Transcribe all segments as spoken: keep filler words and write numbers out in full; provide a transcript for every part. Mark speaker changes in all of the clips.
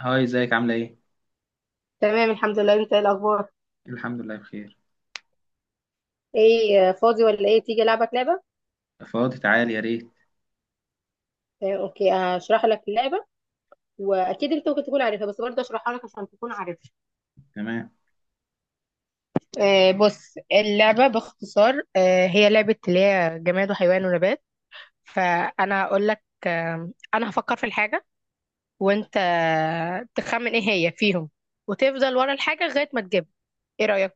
Speaker 1: هاي ازيك عاملة ايه؟
Speaker 2: تمام الحمد لله. انت ايه الاخبار؟
Speaker 1: الحمد لله بخير.
Speaker 2: ايه آه، فاضي ولا ايه؟ تيجي العبك لعبه.
Speaker 1: فاضي تعالي يا ريت.
Speaker 2: آه، اوكي، هشرح لك اللعبه. واكيد انت ممكن تكون عارفها، بس برضه اشرحها لك عشان تكون عارفها.
Speaker 1: تمام.
Speaker 2: آه، بص، اللعبه باختصار آه، هي لعبه اللي هي جماد وحيوان ونبات. فانا هقول لك آه، انا هفكر في الحاجه، وانت آه، تخمن ايه هي فيهم، وتفضل ورا الحاجه لغايه ما تجيبها. ايه رايك؟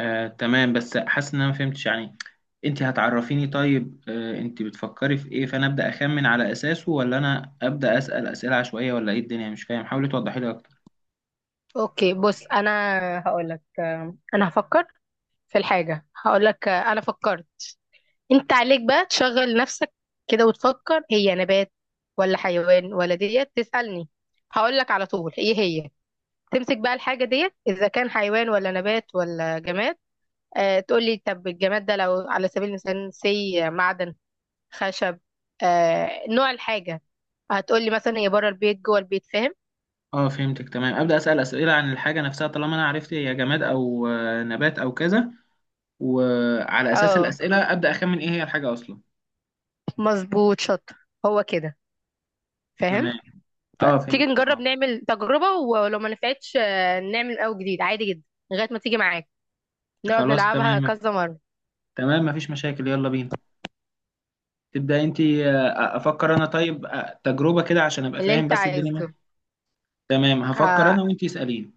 Speaker 1: آه تمام بس حاسس ان انا ما فهمتش يعني. انت هتعرفيني طيب، آه انت بتفكري في ايه؟ فانا ابدا اخمن على اساسه ولا انا ابدا اسال اسئله عشوائيه ولا ايه الدنيا؟ مش فاهم، حاولي توضحي لي اكتر.
Speaker 2: اوكي بص، انا هقول لك آه، انا هفكر في الحاجه، هقول لك آه، انا فكرت. انت عليك بقى تشغل نفسك كده وتفكر هي نبات ولا حيوان ولا ديت، تسألني هقول لك على طول ايه هي. تمسك بقى الحاجة ديت اذا كان حيوان ولا نبات ولا جماد. آه تقول لي طب الجماد ده لو على سبيل المثال سي معدن، خشب، آه نوع الحاجة. هتقول لي مثلا هي بره البيت، جوه البيت، فاهم؟
Speaker 1: اه فهمتك تمام، ابدا اسال اسئله عن الحاجه نفسها طالما انا عرفت هي جماد او آه، نبات او كذا، وعلى اساس
Speaker 2: اه
Speaker 1: الاسئله ابدا اخمن ايه هي الحاجه اصلا.
Speaker 2: مظبوط، شاطر، هو كده، فاهم.
Speaker 1: تمام.
Speaker 2: ف-
Speaker 1: اه
Speaker 2: تيجي
Speaker 1: فهمت
Speaker 2: نجرب
Speaker 1: تمام.
Speaker 2: نعمل تجربة، ولو ما نفعتش آه، نعمل او جديد عادي جدا، لغاية ما تيجي معاك. نقعد
Speaker 1: خلاص
Speaker 2: نلعبها
Speaker 1: تمام.
Speaker 2: كذا مرة.
Speaker 1: تمام مفيش مشاكل، يلا بينا. تبدأ انت، آه، آه، افكر انا طيب، آه، تجربة كده عشان ابقى
Speaker 2: اللي
Speaker 1: فاهم
Speaker 2: انت
Speaker 1: بس الدنيا ماشية.
Speaker 2: عايزه.
Speaker 1: تمام هفكر
Speaker 2: ه-
Speaker 1: انا، وانت اسأليني.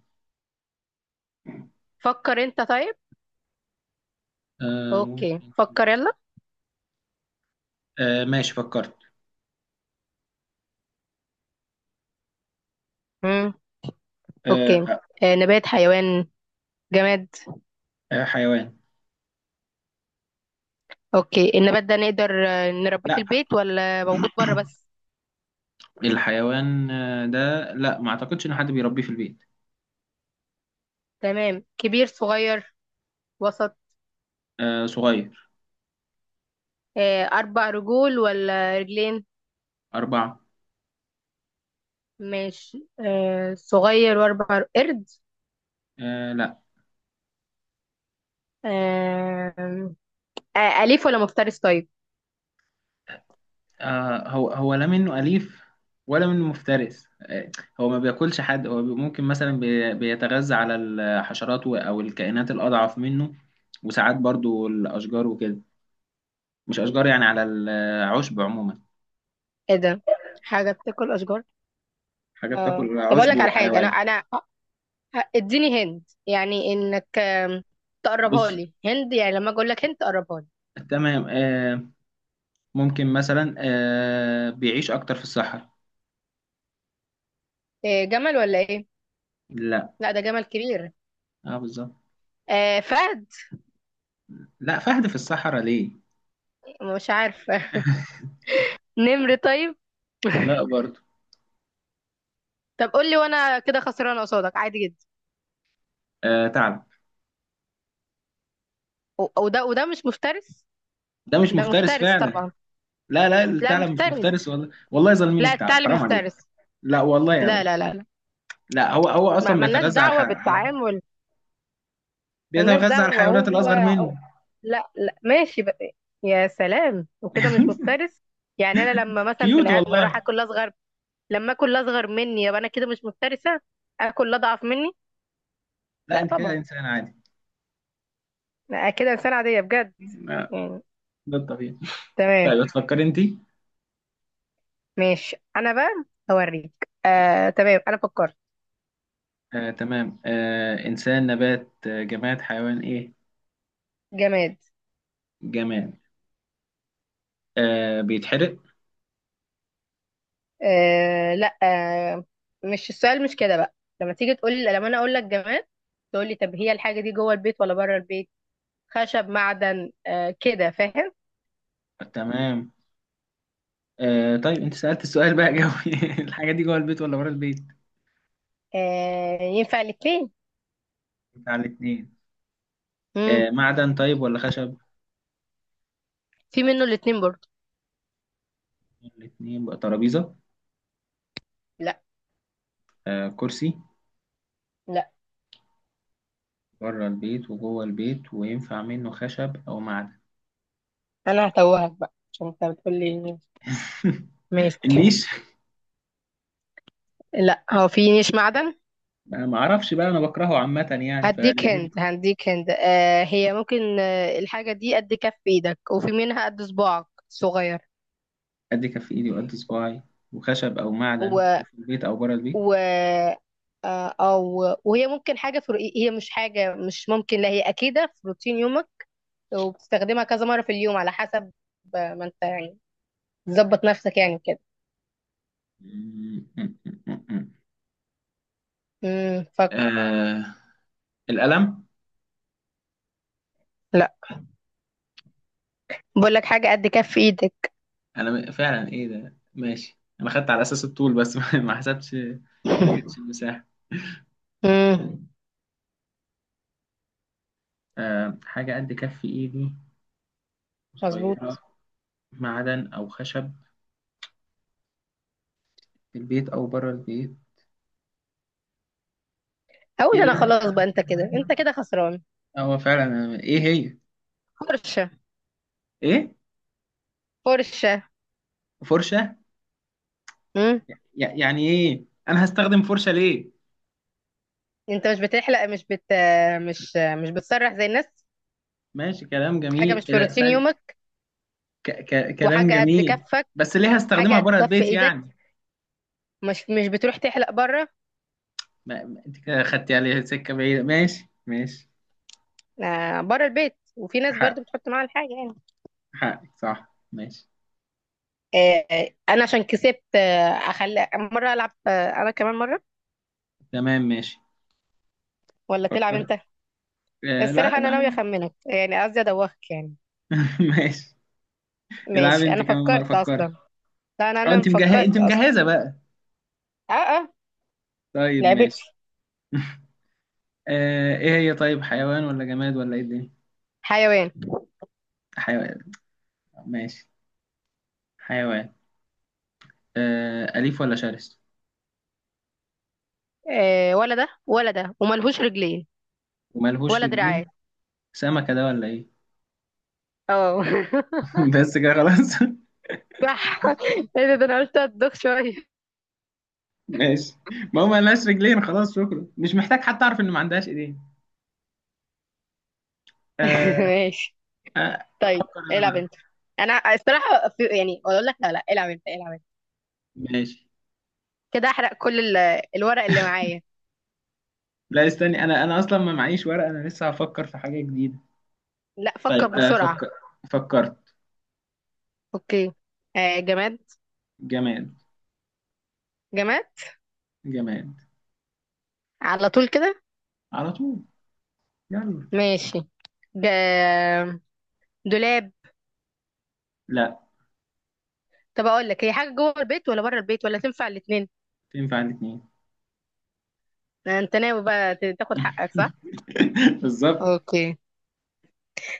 Speaker 2: فكر انت طيب.
Speaker 1: آه،
Speaker 2: اوكي
Speaker 1: ممكن.
Speaker 2: فكر، يلا.
Speaker 1: آه، ماشي فكرت.
Speaker 2: امم. اوكي
Speaker 1: آه، آه،
Speaker 2: آه، نبات، حيوان، جماد.
Speaker 1: آه، حيوان.
Speaker 2: اوكي، النبات ده نقدر آه، نربيه في
Speaker 1: لا
Speaker 2: البيت ولا موجود بره بس؟
Speaker 1: الحيوان آه، ده، لا ما اعتقدش ان حد بيربيه في البيت.
Speaker 2: تمام. كبير، صغير، وسط؟
Speaker 1: آه، صغير.
Speaker 2: آه، اربع رجول ولا رجلين؟
Speaker 1: أربعة.
Speaker 2: ماشي. آه، صغير واربع ر- قرد؟
Speaker 1: آه، لا.
Speaker 2: آه، آه، اليف ولا مفترس طيب؟
Speaker 1: آه، هو هو لا منه أليف ولا منه مفترس. آه، هو ما بياكلش حد، هو بي- ممكن مثلا بي- بيتغذى على الحشرات و- او الكائنات الأضعف منه، وساعات برضو الأشجار وكده، مش أشجار يعني، على العشب عموما.
Speaker 2: ايه ده، حاجه بتاكل اشجار؟
Speaker 1: حاجة
Speaker 2: اه
Speaker 1: بتاكل
Speaker 2: طب اقول
Speaker 1: عشب
Speaker 2: لك على حاجه، انا
Speaker 1: وحيوان.
Speaker 2: انا اديني هند، يعني انك آم، تقربها
Speaker 1: بص
Speaker 2: لي هند، يعني لما اجي اقول لك هند تقربها لي.
Speaker 1: تمام. آه ممكن مثلا آه بيعيش أكتر في الصحراء.
Speaker 2: إيه، جمل ولا ايه؟
Speaker 1: لا.
Speaker 2: لا ده جمل كبير.
Speaker 1: اه بالظبط.
Speaker 2: آه فهد.
Speaker 1: لا فهد في الصحراء ليه؟
Speaker 2: مش عارفه. نمر طيب؟
Speaker 1: لا برضه.
Speaker 2: طب قول لي وانا كده خسرانه قصادك عادي جدا.
Speaker 1: آه ثعلب.
Speaker 2: و- وده وده مش مفترس؟
Speaker 1: ده مش
Speaker 2: ده
Speaker 1: مفترس
Speaker 2: مفترس
Speaker 1: فعلا.
Speaker 2: طبعا.
Speaker 1: لا لا
Speaker 2: لا
Speaker 1: الثعلب مش
Speaker 2: مفترس،
Speaker 1: مفترس، والله والله ظالمين
Speaker 2: لا،
Speaker 1: الثعلب،
Speaker 2: الثعلب
Speaker 1: حرام عليك.
Speaker 2: مفترس.
Speaker 1: لا والله
Speaker 2: لا
Speaker 1: ابدا.
Speaker 2: لا لا لا.
Speaker 1: لا هو هو
Speaker 2: ما-
Speaker 1: اصلا
Speaker 2: ملناش
Speaker 1: بيتغذى على، الح...
Speaker 2: دعوه
Speaker 1: على
Speaker 2: بالتعامل. ملناش
Speaker 1: بيتغذى على
Speaker 2: دعوة،
Speaker 1: الحيوانات
Speaker 2: هو
Speaker 1: الاصغر
Speaker 2: هو-
Speaker 1: منه.
Speaker 2: لا لا ماشي بقى. يا سلام، وكده مش مفترس؟ يعني انا لما مثلا بني
Speaker 1: كيوت
Speaker 2: ادم
Speaker 1: والله.
Speaker 2: اروح اكل اصغر، لما اكل اصغر مني يبقى انا كده مش مفترسة؟ اكل اضعف مني.
Speaker 1: لا
Speaker 2: لا
Speaker 1: انت كده
Speaker 2: طبعا.
Speaker 1: انسان عادي.
Speaker 2: لا كده انسانة عادية بجد،
Speaker 1: لا
Speaker 2: يعني.
Speaker 1: ده الطبيعي.
Speaker 2: تمام.
Speaker 1: طيب تفكر انت.
Speaker 2: ماشي انا بقى هوريك. آه تمام انا فكرت.
Speaker 1: آه تمام، آه إنسان نبات آه جماد حيوان إيه؟
Speaker 2: جماد.
Speaker 1: جماد. آه بيتحرق.
Speaker 2: آه لا. آه مش السؤال مش كده بقى. لما تيجي تقول لي، لما انا اقول لك جماد، تقول لي طب هي الحاجة دي جوه البيت ولا بره البيت، خشب معدن، آه كده فاهم.
Speaker 1: تمام. آه طيب أنت سألت السؤال بقى جوي. الحاجة دي جوه البيت ولا بره البيت؟
Speaker 2: آه ينفع الاتنين.
Speaker 1: بتاع الاتنين.
Speaker 2: مم.
Speaker 1: آه معدن طيب ولا خشب؟
Speaker 2: في منه الاتنين برضه.
Speaker 1: الاتنين بقى ترابيزة.
Speaker 2: لا.
Speaker 1: آه كرسي.
Speaker 2: لا،
Speaker 1: بره البيت وجوه البيت وينفع منه خشب أو معدن.
Speaker 2: انا هتوهك بقى عشان انت بتقولي. ماشي.
Speaker 1: النيش.
Speaker 2: لا، هو في نيش معدن.
Speaker 1: أنا ما أعرفش بقى، أنا بكرهه عامة يعني
Speaker 2: هديك
Speaker 1: فاللي جيب.
Speaker 2: هند، هديك هند، آه هي ممكن آه الحاجة دي قد كف ايدك، وفي منها قد صباعك صغير.
Speaker 1: قد كف إيدي وقد صباعي، وخشب أو معدن،
Speaker 2: و,
Speaker 1: وفي البيت أو بره البيت.
Speaker 2: و... آه او وهي ممكن حاجة في رؤي- هي مش حاجة، مش ممكن، لا هي أكيدة في روتين يومك، وبتستخدمها كذا مرة في اليوم على حسب آه، ما انت يعني ظبط نفسك، يعني كده. امم فكر.
Speaker 1: آه القلم.
Speaker 2: لا، بقول لك حاجه قد كف ايدك.
Speaker 1: انا م- فعلا ايه ده، ماشي انا خدت على اساس الطول بس، ما حسبتش ما جبتش المساحه.
Speaker 2: امم،
Speaker 1: آه حاجه قد كف ايدي، صغيره،
Speaker 2: مظبوط.
Speaker 1: معدن او خشب، في البيت او بره البيت. ايه
Speaker 2: اقول انا
Speaker 1: ده،
Speaker 2: خلاص بقى، انت كده، انت كده خسران.
Speaker 1: هو فعلا ايه هي؟
Speaker 2: فرشه.
Speaker 1: ايه
Speaker 2: فرشه.
Speaker 1: فرشه؟
Speaker 2: امم.
Speaker 1: يع- يعني ايه انا هستخدم فرشه ليه؟
Speaker 2: انت مش بتحلق، مش بت مش مش بتسرح زي الناس؟
Speaker 1: ماشي كلام
Speaker 2: حاجه
Speaker 1: جميل،
Speaker 2: مش
Speaker 1: ايه
Speaker 2: في
Speaker 1: ده
Speaker 2: روتين
Speaker 1: ثاني؟
Speaker 2: يومك،
Speaker 1: ك ك كلام
Speaker 2: وحاجه قد
Speaker 1: جميل.
Speaker 2: كفك،
Speaker 1: بس ليه
Speaker 2: حاجه
Speaker 1: هستخدمها
Speaker 2: قد
Speaker 1: بره
Speaker 2: كف
Speaker 1: البيت
Speaker 2: ايدك.
Speaker 1: يعني؟
Speaker 2: مش مش بتروح تحلق بره؟
Speaker 1: ما ما- انت كده خدتي عليها سكه بعيده، ماشي ماشي.
Speaker 2: آه بره البيت، وفي ناس برضو
Speaker 1: ح-
Speaker 2: بتحط معاها الحاجه يعني.
Speaker 1: حقك صح ماشي.
Speaker 2: آه آه، انا عشان كسبت، آه اخلي مره العب آه انا كمان مره،
Speaker 1: تمام ماشي
Speaker 2: ولا تلعب
Speaker 1: فكرت.
Speaker 2: انت؟
Speaker 1: آه لا
Speaker 2: الصراحة أنا ناوية
Speaker 1: لا.
Speaker 2: أخمنك، يعني قصدي أدوخك يعني.
Speaker 1: ماشي. العب
Speaker 2: ماشي
Speaker 1: انت
Speaker 2: أنا
Speaker 1: كمان مرة
Speaker 2: فكرت
Speaker 1: فكري.
Speaker 2: أصلا. لا أنا
Speaker 1: اه
Speaker 2: أنا
Speaker 1: انت مجهزة انت
Speaker 2: فكرت أصلا.
Speaker 1: مجهزة بقى.
Speaker 2: أه أه.
Speaker 1: طيب
Speaker 2: لعبتي.
Speaker 1: ماشي. آه ايه هي طيب، حيوان ولا جماد ولا ايه الدنيا؟
Speaker 2: حيوان.
Speaker 1: حيوان. ماشي. حيوان. آه أليف ولا شرس
Speaker 2: آه ولا ده ولا ده، وملهوش رجلين
Speaker 1: وملهوش
Speaker 2: ولا
Speaker 1: رجلين؟
Speaker 2: دراعات.
Speaker 1: سمكة ده ولا ايه؟
Speaker 2: اه.
Speaker 1: بس كده خلاص.
Speaker 2: صح. ايه ده، ده أنا قلت أدوخ شوية.
Speaker 1: ماشي. ما هو ملهاش رجلين خلاص، شكرا، مش محتاج حتى اعرف ان ما عندهاش ايدين. آه
Speaker 2: ماشي.
Speaker 1: آه،
Speaker 2: طيب
Speaker 1: افكر انا
Speaker 2: العب
Speaker 1: بقى.
Speaker 2: أنت. أنا الصراحة في، يعني أقول لك لا لا العب أنت، العب أنت.
Speaker 1: ماشي
Speaker 2: كده أحرق كل ال- الورق اللي معايا.
Speaker 1: لا استني، انا انا اصلا ما معيش ورقه، انا لسه هفكر في حاجه جديده.
Speaker 2: لا، فكر
Speaker 1: طيب انا
Speaker 2: بسرعة.
Speaker 1: فكر. فكرت.
Speaker 2: أوكي. آه جماد.
Speaker 1: جماد.
Speaker 2: جماد.
Speaker 1: جماد.
Speaker 2: على طول كده.
Speaker 1: على طول. يلا.
Speaker 2: ماشي. جا. دولاب.
Speaker 1: لا.
Speaker 2: طب اقول لك، هي حاجه جوه البيت ولا بره البيت ولا تنفع الاثنين؟
Speaker 1: تنفع الاثنين.
Speaker 2: انت ناوي بقى ت- تاخد حقك صح.
Speaker 1: بالظبط.
Speaker 2: اوكي.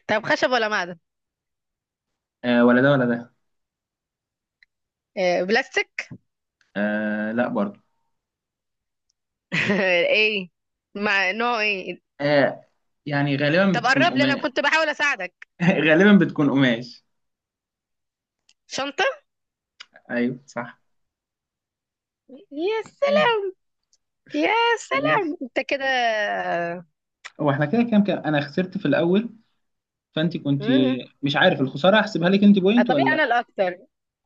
Speaker 2: طب خشب ولا معدن؟
Speaker 1: آه ولا ده ولا ده.
Speaker 2: آه، بلاستيك؟
Speaker 1: آه لا برضو.
Speaker 2: ايه، مع نوع ايه؟
Speaker 1: آه يعني غالبا
Speaker 2: طب
Speaker 1: بتكون
Speaker 2: قرب لي، انا
Speaker 1: قماش.
Speaker 2: كنت بحاول اساعدك.
Speaker 1: غالبا بتكون قماش.
Speaker 2: شنطه.
Speaker 1: ايوه صح.
Speaker 2: يا سلام.
Speaker 1: ماشي.
Speaker 2: يا سلام، انت كده.
Speaker 1: هو احنا كده كام كام؟ انا خسرت في الاول فانت كنت،
Speaker 2: مم.
Speaker 1: مش عارف الخساره هحسبها لك انت
Speaker 2: آه،
Speaker 1: بوينت ولا
Speaker 2: طبيعي، انا
Speaker 1: لا.
Speaker 2: الاكتر.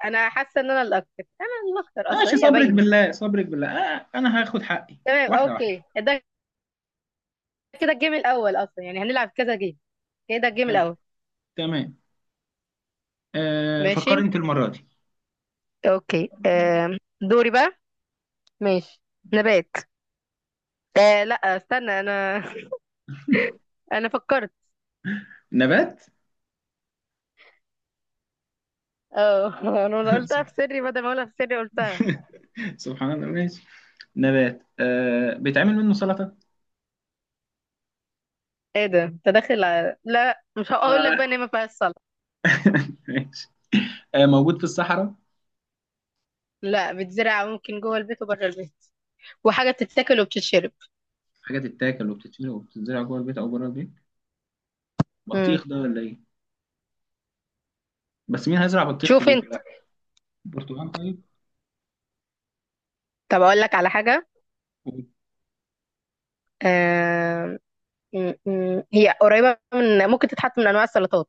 Speaker 2: انا حاسه ان انا الاكتر، انا الاكتر اصلا
Speaker 1: ماشي
Speaker 2: هي
Speaker 1: صبرك
Speaker 2: باينه.
Speaker 1: بالله صبرك بالله. آه انا هاخد حقي
Speaker 2: تمام.
Speaker 1: واحده واحده.
Speaker 2: اوكي ده كده الجيم الاول، اصلا يعني هنلعب كذا جيم، كده الجيم الاول.
Speaker 1: تمام. آه فكر
Speaker 2: ماشي.
Speaker 1: انت المرة دي.
Speaker 2: اوكي آم، دوري بقى. ماشي. نبات. آه لا استنى انا، انا فكرت.
Speaker 1: نبات.
Speaker 2: اه. انا قلتها في
Speaker 1: سبحان.
Speaker 2: سري، بدل ما اقولها في سري قلتها.
Speaker 1: سبحان الله ماشي. نبات آه بيتعمل منه سلطة.
Speaker 2: ايه ده، انت داخل على... لا مش هقول لك
Speaker 1: ما-
Speaker 2: بقى ان هي ما فيهاش صلع.
Speaker 1: ماشي. آه موجود في الصحراء.
Speaker 2: لا بتزرع، ممكن جوه البيت وبره البيت، وحاجه بتتاكل وبتتشرب.
Speaker 1: حاجة تتاكل وبتتشرب وبتتزرع جوه البيت أو بره البيت.
Speaker 2: امم.
Speaker 1: بطيخ ده ولا إيه؟ بس مين هيزرع بطيخ في
Speaker 2: شوف
Speaker 1: بيته؟
Speaker 2: انت.
Speaker 1: لا. برتقال.
Speaker 2: طب اقول لك على حاجه،
Speaker 1: طيب.
Speaker 2: آم، م- م- هي قريبه من، ممكن تتحط من انواع السلطات.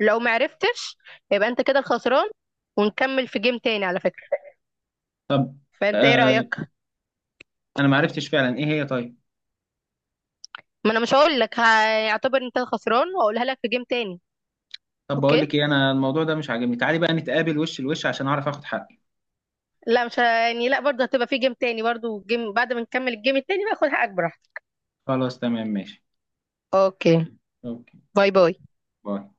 Speaker 2: لو ما عرفتش، يبقى انت كده الخسران، ونكمل في جيم تاني على فكره.
Speaker 1: طب
Speaker 2: فانت ايه
Speaker 1: آه
Speaker 2: رايك؟
Speaker 1: أنا ما عرفتش فعلا إيه هي طيب.
Speaker 2: ما انا مش هقول لك، هيعتبر انت خسران، واقولها لك في جيم تاني.
Speaker 1: طب بقول
Speaker 2: اوكي.
Speaker 1: لك إيه، أنا الموضوع ده مش عاجبني، تعالي بقى نتقابل وش لوش عشان أعرف آخد حقي.
Speaker 2: لا مش ه- يعني، لا برضه هتبقى في جيم تاني برضه، جيم بعد ما نكمل الجيم التاني بقى خد حقك براحتك.
Speaker 1: خلاص تمام ماشي.
Speaker 2: اوكي.
Speaker 1: أوكي.
Speaker 2: باي
Speaker 1: يلا،
Speaker 2: باي.
Speaker 1: باي.